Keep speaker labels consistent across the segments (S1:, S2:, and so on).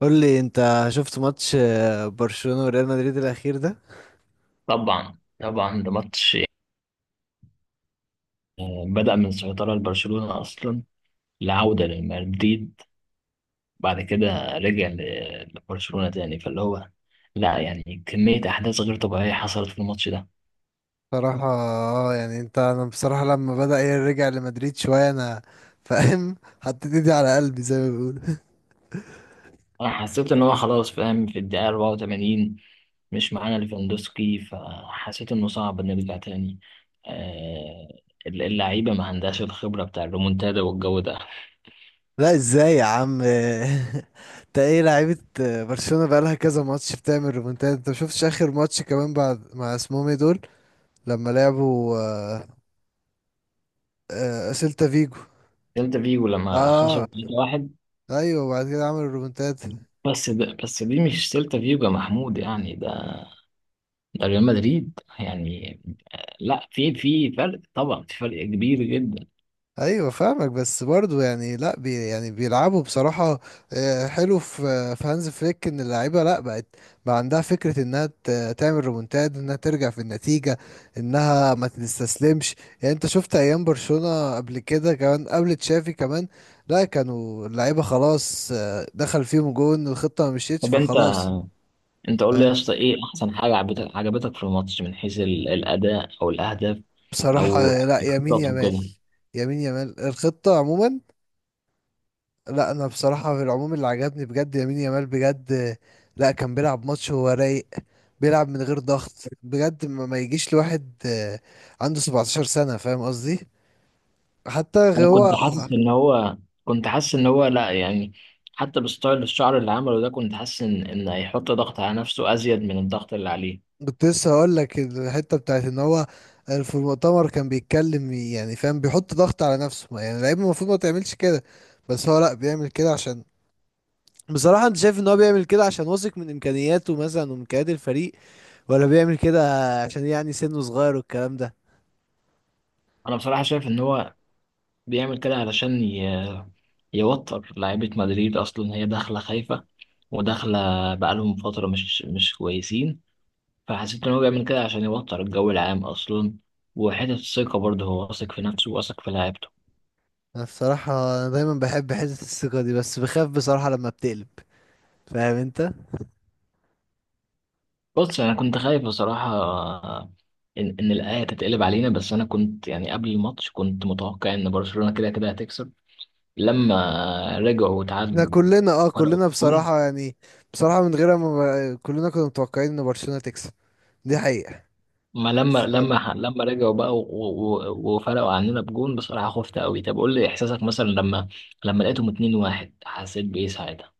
S1: قول لي، انت شفت ماتش برشلونة وريال مدريد الاخير ده؟
S2: طبعا طبعا ده ماتش، بدأ من سيطرة لبرشلونة أصلا، العودة لمدريد بعد كده رجع لبرشلونة تاني، فاللي هو لا يعني كمية أحداث غير طبيعية حصلت في الماتش ده.
S1: بصراحة اه يعني انا بصراحة لما بدأ يرجع لمدريد شوية انا فاهم. حطيت ايدي على قلبي زي ما بيقولوا.
S2: أنا حسيت إن هو خلاص فاهم في الدقيقة 84 مش معانا ليفاندوسكي، فحسيت إنه صعب نرجع تاني. آه، اللعيبة ما عندهاش الخبرة بتاع الريمونتادا والجو ده.
S1: لا، ازاي يا عم؟ انت ايه لعيبة؟ برشلونة بقالها كذا ماتش بتعمل ريمونتات. انت مشوفتش اخر ماتش كمان بعد مع اسمهم ايه دول لما لعبوا سيلتا فيجو؟
S2: سيلتا فيجو لما خسر
S1: اه،
S2: 3-1.
S1: ايوه، وبعد كده عملوا ريمونتات.
S2: بس دي مش سيلتا فيجو يا محمود، يعني ده ريال مدريد يعني. لا في فرق طبعا، في فرق كبير جدا.
S1: ايوه فاهمك، بس برضو يعني لا بي يعني بيلعبوا بصراحه. حلو في هانز فليك ان اللعيبه لا بقت، بقى عندها فكره انها تعمل ريمونتاد، انها ترجع في النتيجه، انها ما تستسلمش. يعني انت شفت ايام برشلونه قبل كده، كمان قبل تشافي كمان، لا كانوا اللعيبه خلاص، دخل فيهم جون والخطه ما مشيتش
S2: طب انت
S1: فخلاص.
S2: انت قول لي يا
S1: آه،
S2: اسطى، ايه احسن حاجه عجبتك في الماتش من حيث الاداء او الاهداف
S1: بصراحه
S2: او
S1: لا، يمين
S2: الخطط
S1: يمال.
S2: وكده.
S1: يمين يمال الخطه عموما. لا، انا بصراحه في العموم اللي عجبني بجد يمين يامال بجد. لا، كان بيلعب ماتش وهو رايق. بيلعب من غير ضغط بجد. ما يجيش لواحد عنده 17 سنه فاهم قصدي. حتى
S2: انا كنت
S1: هو،
S2: حاسس ان هو كنت حاسس ان هو لا يعني، حتى الستايل الشعر اللي عمله ده، كنت حاسس ان هيحط ضغط على نفسه ازيد من الضغط اللي عليه.
S1: كنت لسه هقول لك الحته بتاعت ان هو في المؤتمر كان بيتكلم، يعني فاهم بيحط ضغط على نفسه. يعني اللعيب المفروض ما تعملش كده. بس هو لا بيعمل كده عشان، بصراحة، انت شايف ان هو بيعمل كده عشان واثق من امكانياته مثلا وامكانيات الفريق، ولا بيعمل كده عشان يعني سنه صغير والكلام ده؟
S2: انا بصراحه شايف ان هو بيعمل كده علشان يوتر لعيبة مدريد أصلا، هي داخلة خايفة وداخلة، بقالهم فترة مش كويسين، فحسيت إن هو بيعمل كده عشان يوتر الجو العام أصلا. وحتة الثقة برضه، هو واثق في نفسه واثق في لعيبته.
S1: أنا الصراحة أنا دايما بحب حتة الثقة دي، بس بخاف بصراحة لما بتقلب. فاهم انت؟
S2: بص، أنا كنت خايف بصراحة إن الآية تتقلب علينا، بس أنا كنت يعني قبل الماتش كنت متوقع إن برشلونة كده كده هتكسب، لما رجعوا
S1: احنا
S2: وتعادلوا
S1: كلنا، اه،
S2: فرقوا.
S1: كلنا بصراحة يعني، بصراحة من غيرها ما، كلنا كنا متوقعين ان برشلونة تكسب. دي حقيقة.
S2: ما لما
S1: بس كمل.
S2: لما لما رجعوا بقى و- و- وفرقوا عننا بجون، بصراحة خفت قوي. طب قول لي إحساسك مثلا، لما لقيتهم 2-1 حسيت بإيه ساعتها؟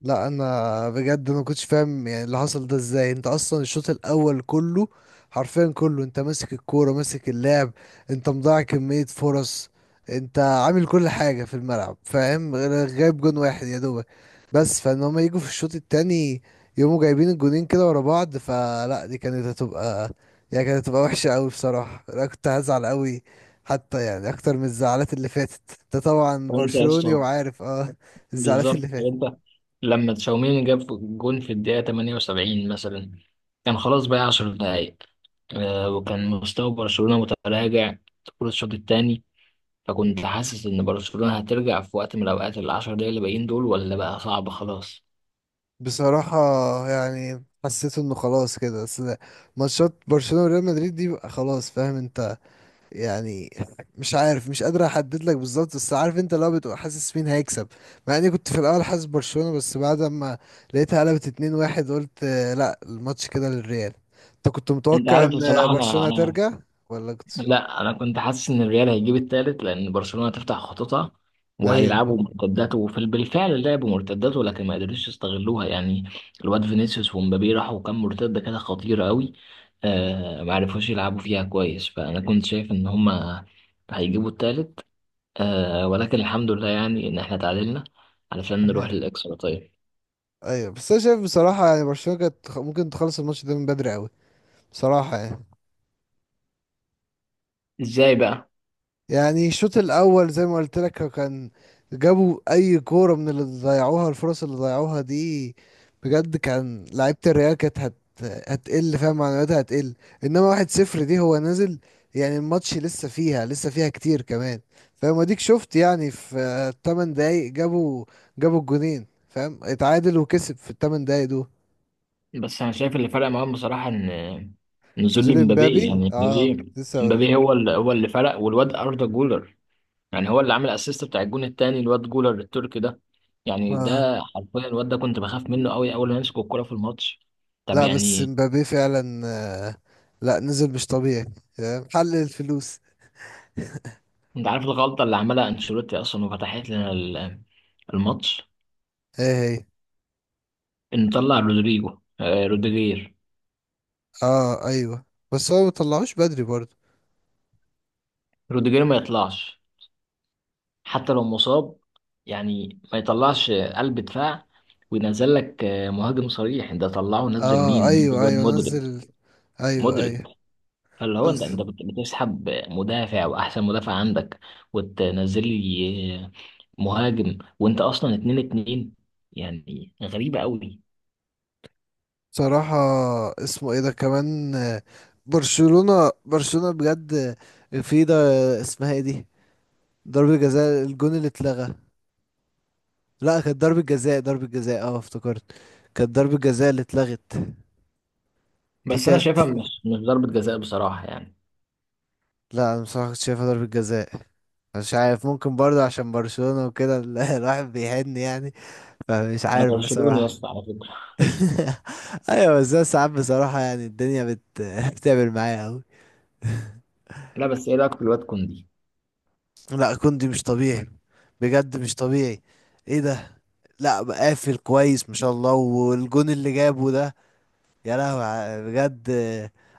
S1: لا انا بجد ما كنتش فاهم يعني اللي حصل ده ازاي. انت اصلا الشوط الاول كله، حرفيا كله، انت ماسك الكوره ماسك اللعب، انت مضيع كميه فرص، انت عامل كل حاجه في الملعب، فاهم، جايب جون واحد يا دوبك، بس فان هما يجوا في الشوط التاني يقوموا جايبين الجونين كده ورا بعض، فلا، دي كانت هتبقى، يعني كانت هتبقى وحشه قوي بصراحه. انا كنت هزعل قوي، حتى يعني اكتر من الزعلات اللي فاتت. انت طبعا
S2: وأنت يا
S1: برشلوني
S2: اسطى،
S1: وعارف اه، الزعلات
S2: بالظبط،
S1: اللي فاتت.
S2: وأنت لما تشاوميني جاب جون في الدقيقة 78 مثلا، كان خلاص بقى 10 دقايق، وكان مستوى برشلونة متراجع طول الشوط الثاني، فكنت حاسس إن برشلونة هترجع في وقت من الأوقات، العشر دقايق اللي باقيين دول، ولا بقى صعب خلاص؟
S1: بصراحة يعني، حسيت انه خلاص كده، بس ماتشات برشلونة وريال مدريد دي بقى خلاص، فاهم انت، يعني مش عارف، مش قادر احدد لك بالظبط، بس عارف انت لو بتبقى حاسس مين هيكسب. مع اني كنت في الاول حاسس برشلونة، بس بعد ما لقيتها قلبت 2-1 قلت لا، الماتش كده للريال. انت كنت
S2: أنت
S1: متوقع
S2: عارف
S1: ان
S2: بصراحة، أنا
S1: برشلونة
S2: أنا
S1: ترجع ولا كنت؟
S2: لا، انا كنت حاسس ان الريال هيجيب التالت، لان برشلونة تفتح خطوطها وهيلعبوا
S1: ايوه.
S2: مرتدات، وفي بالفعل لعبوا مرتدات ولكن ما قدروش يستغلوها يعني. الواد فينيسيوس ومبابي راحوا كام مرتدة كده خطيرة قوي، آه ما عرفوش يلعبوا فيها كويس، فانا كنت شايف ان هما هيجيبوا التالت، آه، ولكن الحمد لله يعني ان احنا تعادلنا علشان نروح للاكسترا. طيب،
S1: ايوه بس انا شايف بصراحة يعني برشلونة كانت ممكن تخلص الماتش ده من بدري قوي بصراحة يعني.
S2: ازاي بقى؟
S1: يعني الشوط الاول زي ما قلت لك كان، جابوا اي كوره من اللي ضيعوها، الفرص اللي ضيعوها دي، بجد كان لعيبه الريال كانت هتقل، فاهم، معنوياتها هتقل. انما 1-0 دي هو نازل، يعني الماتش لسه فيها كتير كمان. فاهم، اديك شفت يعني في 8 دقايق جابوا الجونين، فاهم، اتعادل وكسب في الثمان دقايق دول.
S2: بس انا شايف اللي فرق معاهم بصراحه ان نزول
S1: نزول
S2: امبابي،
S1: امبابي،
S2: يعني
S1: اه، كنت
S2: امبابي،
S1: لسه
S2: امبابي هو اللي فرق، والواد اردا جولر، يعني هو اللي عامل اسيست بتاع الجون التاني، الواد جولر التركي ده، يعني
S1: اقول.
S2: ده حرفيا الواد ده كنت بخاف منه قوي اول ما يمسك الكوره في الماتش. طب
S1: لا بس
S2: يعني،
S1: مبابي فعلا لا، نزل مش طبيعي. محل الفلوس.
S2: انت عارف الغلطه اللي عملها انشيلوتي اصلا وفتحت لنا الماتش؟
S1: ايه هي؟
S2: ان طلع رودريجو آه، روديجير.
S1: اه ايوه، بس هو مطلعوش بدري برضه.
S2: روديجير ما يطلعش حتى لو مصاب، يعني ما يطلعش قلب دفاع وينزل لك مهاجم صريح. ده طلعه نزل مين؟
S1: اه
S2: نزل
S1: ايوه،
S2: الواد
S1: ايوه،
S2: مودريك،
S1: نزل. ايوه،
S2: مودريك.
S1: ايوه،
S2: فاللي هو
S1: بس
S2: انت بتسحب مدافع واحسن مدافع عندك وتنزل لي مهاجم، وانت اصلا اتنين اتنين، يعني غريبة قوي.
S1: بصراحة اسمه ايه ده كمان، برشلونة بجد، في ده، اسمها ايه دي، ضربة جزاء، الجون اللي اتلغى. لا، كانت ضربة جزاء اه افتكرت، كانت ضربة جزاء اللي اتلغت. دي
S2: بس انا
S1: كانت،
S2: شايفها مش ضربة جزاء بصراحة يعني.
S1: لا انا بصراحة كنت شايفها ضربة جزاء. مش عارف، ممكن برضه عشان برشلونة وكده الواحد بيحن يعني. فمش
S2: انا
S1: عارف
S2: برشلوني يا
S1: بصراحة.
S2: اسطى على فكرة
S1: ايوه بس ده ساعات بصراحة يعني الدنيا بتعمل معايا قوي.
S2: لا، بس ايه رايك في الواد كوندي؟
S1: لا كوندي مش طبيعي. بجد مش طبيعي. ايه ده! لا، قافل كويس ما شاء الله، والجون اللي جابه ده، يا لهوي، بجد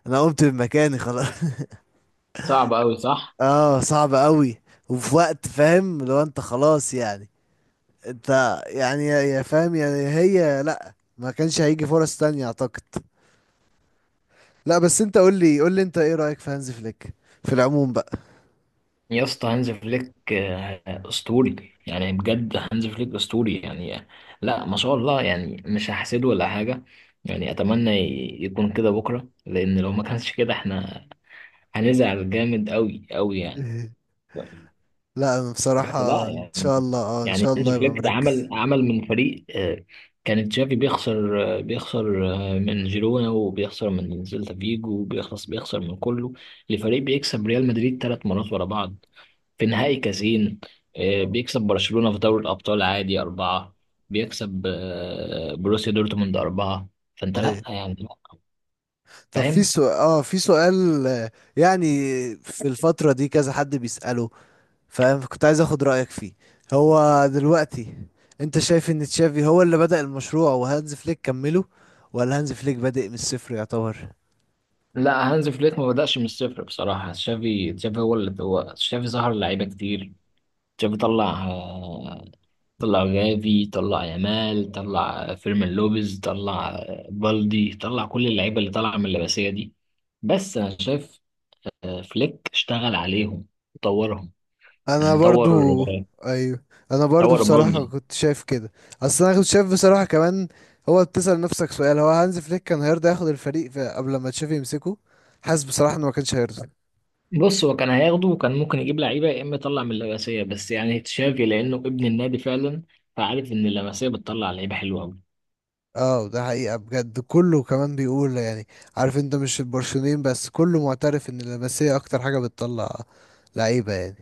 S1: انا قمت من مكاني خلاص.
S2: صعب قوي، صح؟
S1: اه صعب قوي. وفي وقت فاهم لو انت خلاص، يعني انت يعني، يا فاهم، يعني هي لا، ما كانش هيجي فرص تانية اعتقد. لا بس انت قول لي انت ايه رأيك في هانز فليك في العموم بقى؟
S2: يا اسطى، هانز فليك اسطوري يعني، بجد هانز فليك اسطوري يعني. لا، ما شاء الله، يعني مش هحسده ولا حاجه، يعني اتمنى يكون كده بكره، لان لو ما كانش كده احنا هنزعل جامد قوي قوي يعني. ف-
S1: لا انا
S2: بس لا
S1: بصراحة ان
S2: يعني،
S1: شاء الله اه ان
S2: يعني
S1: شاء
S2: هانز
S1: الله يبقى
S2: فليك ده
S1: مركز.
S2: عمل من فريق، كان تشافي بيخسر من جيرونا وبيخسر من سيلتا فيجو، وبيخلص بيخسر من كله، لفريق بيكسب ريال مدريد ثلاث مرات ورا بعض في نهائي كازين. بيكسب برشلونة في دوري الأبطال عادي أربعة، بيكسب بروسيا دورتموند أربعة. فأنت لأ
S1: ايوه
S2: يعني لأ،
S1: طب في
S2: فاهم؟
S1: سؤال، اه، في سؤال آه، يعني في الفترة دي كذا حد بيسأله، فاهم، كنت عايز اخد رأيك فيه. هو دلوقتي انت شايف ان تشافي هو اللي بدأ المشروع وهانز فليك كمله، ولا هانز فليك بادئ من الصفر يعتبر؟
S2: لا، هانز فليك ما بدأش من الصفر بصراحة. تشافي، تشافي هو اللي هو تشافي ظهر لعيبة كتير. تشافي طلع جافي، طلع يامال، طلع فيرمين لوبيز، طلع بالدي، طلع كل اللعيبة اللي طالعة من اللمسية دي. بس أنا شايف فليك اشتغل عليهم وطورهم،
S1: انا
S2: يعني طور،
S1: برضو، ايوه، انا برضو
S2: طور
S1: بصراحة
S2: بالدي.
S1: كنت شايف كده. اصل انا كنت شايف بصراحة كمان، هو بتسأل نفسك سؤال، هو هانز فليك كان هيرضى ياخد الفريق في قبل ما تشافي يمسكه؟ حاسس بصراحة انه ما كانش هيرضى.
S2: بص، هو كان هياخده وكان ممكن يجيب لعيبه يا اما يطلع من اللمسيه، بس يعني تشافي لانه ابن النادي فعلا، فعارف ان اللمسيه بتطلع لعيبه حلوه قوي.
S1: اه ده حقيقة بجد، كله كمان بيقول يعني، عارف انت مش البرشلونيين بس، كله معترف ان اللمسية اكتر حاجة بتطلع لعيبة يعني.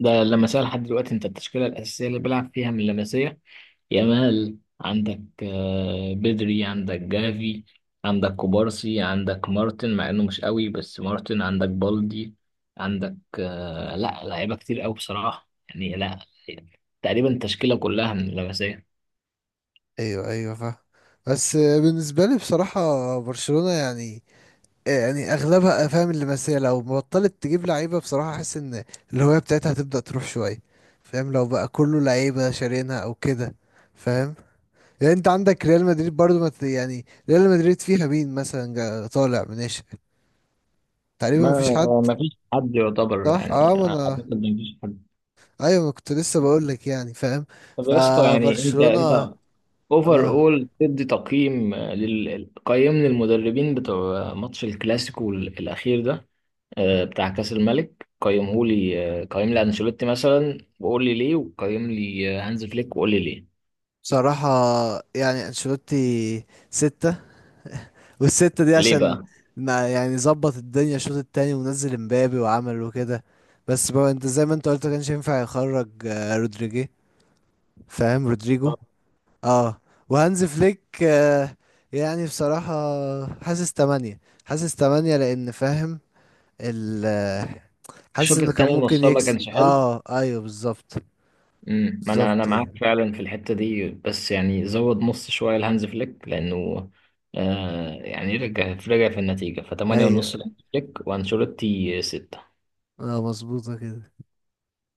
S2: ده اللمسيه لحد دلوقتي، انت التشكيله الاساسيه اللي بيلعب فيها من اللمسيه: يامال، عندك بدري، عندك جافي، عندك كوبارسي، عندك مارتن، مع انه مش قوي بس مارتن، عندك بالدي، عندك لا لعيبه كتير قوي بصراحه يعني. لا، تقريبا التشكيله كلها من اللمسيه.
S1: ايوه، ايوه، فاهم. بس بالنسبة لي بصراحة برشلونة يعني، إيه، يعني اغلبها، فاهم، اللي بس هي لو بطلت تجيب لعيبه بصراحه احس ان الهويه بتاعتها هتبدا تروح شويه، فاهم، لو بقى كله لعيبه شارينها او كده، فاهم، يعني انت عندك ريال مدريد برضو ما يعني ريال مدريد فيها مين مثلا طالع من ناشئ؟ تقريبا
S2: ما
S1: ما فيش حد.
S2: ما فيش حد يعتبر،
S1: صح
S2: يعني
S1: اه، ما
S2: اعتقد
S1: انا
S2: ما فيش حد.
S1: ايوه، ما كنت لسه بقول لك يعني، فاهم،
S2: طب يا اسطى، يعني انت
S1: فبرشلونه.
S2: انت اوفر
S1: اه
S2: اول تدي تقييم قيمني المدربين بتوع ماتش الكلاسيكو الاخير ده، بتاع كاس الملك. قيمه لي، قيم لي انشيلوتي مثلا وقول لي ليه، وقيم لي هانز فليك وقول لي ليه.
S1: بصراحه يعني انشيلوتي ستة، والستة دي
S2: ليه
S1: عشان،
S2: بقى؟
S1: يعني ظبط الدنيا الشوط التاني ونزل امبابي وعمل وكده، بس بقى انت زي ما انت قلت كانش ينفع يخرج رودريجي، فاهم، رودريجو. اه. وهانز فليك، يعني بصراحة، حاسس تمانية. حاسس تمانية لأن، فاهم، ال آه، حاسس
S2: الشوط
S1: انه كان
S2: الثاني
S1: ممكن
S2: نصها ما
S1: يكسب.
S2: كانش حلو.
S1: اه ايوه بالظبط.
S2: ما انا
S1: بالظبط
S2: معاك
S1: يعني.
S2: فعلا في الحته دي، بس يعني زود نص شويه لهانز فليك لانه، يعني رجع في النتيجه، ف 8
S1: ايوه
S2: ونص لهانز فليك وانشيلوتي 6.
S1: اه، مظبوطة كده.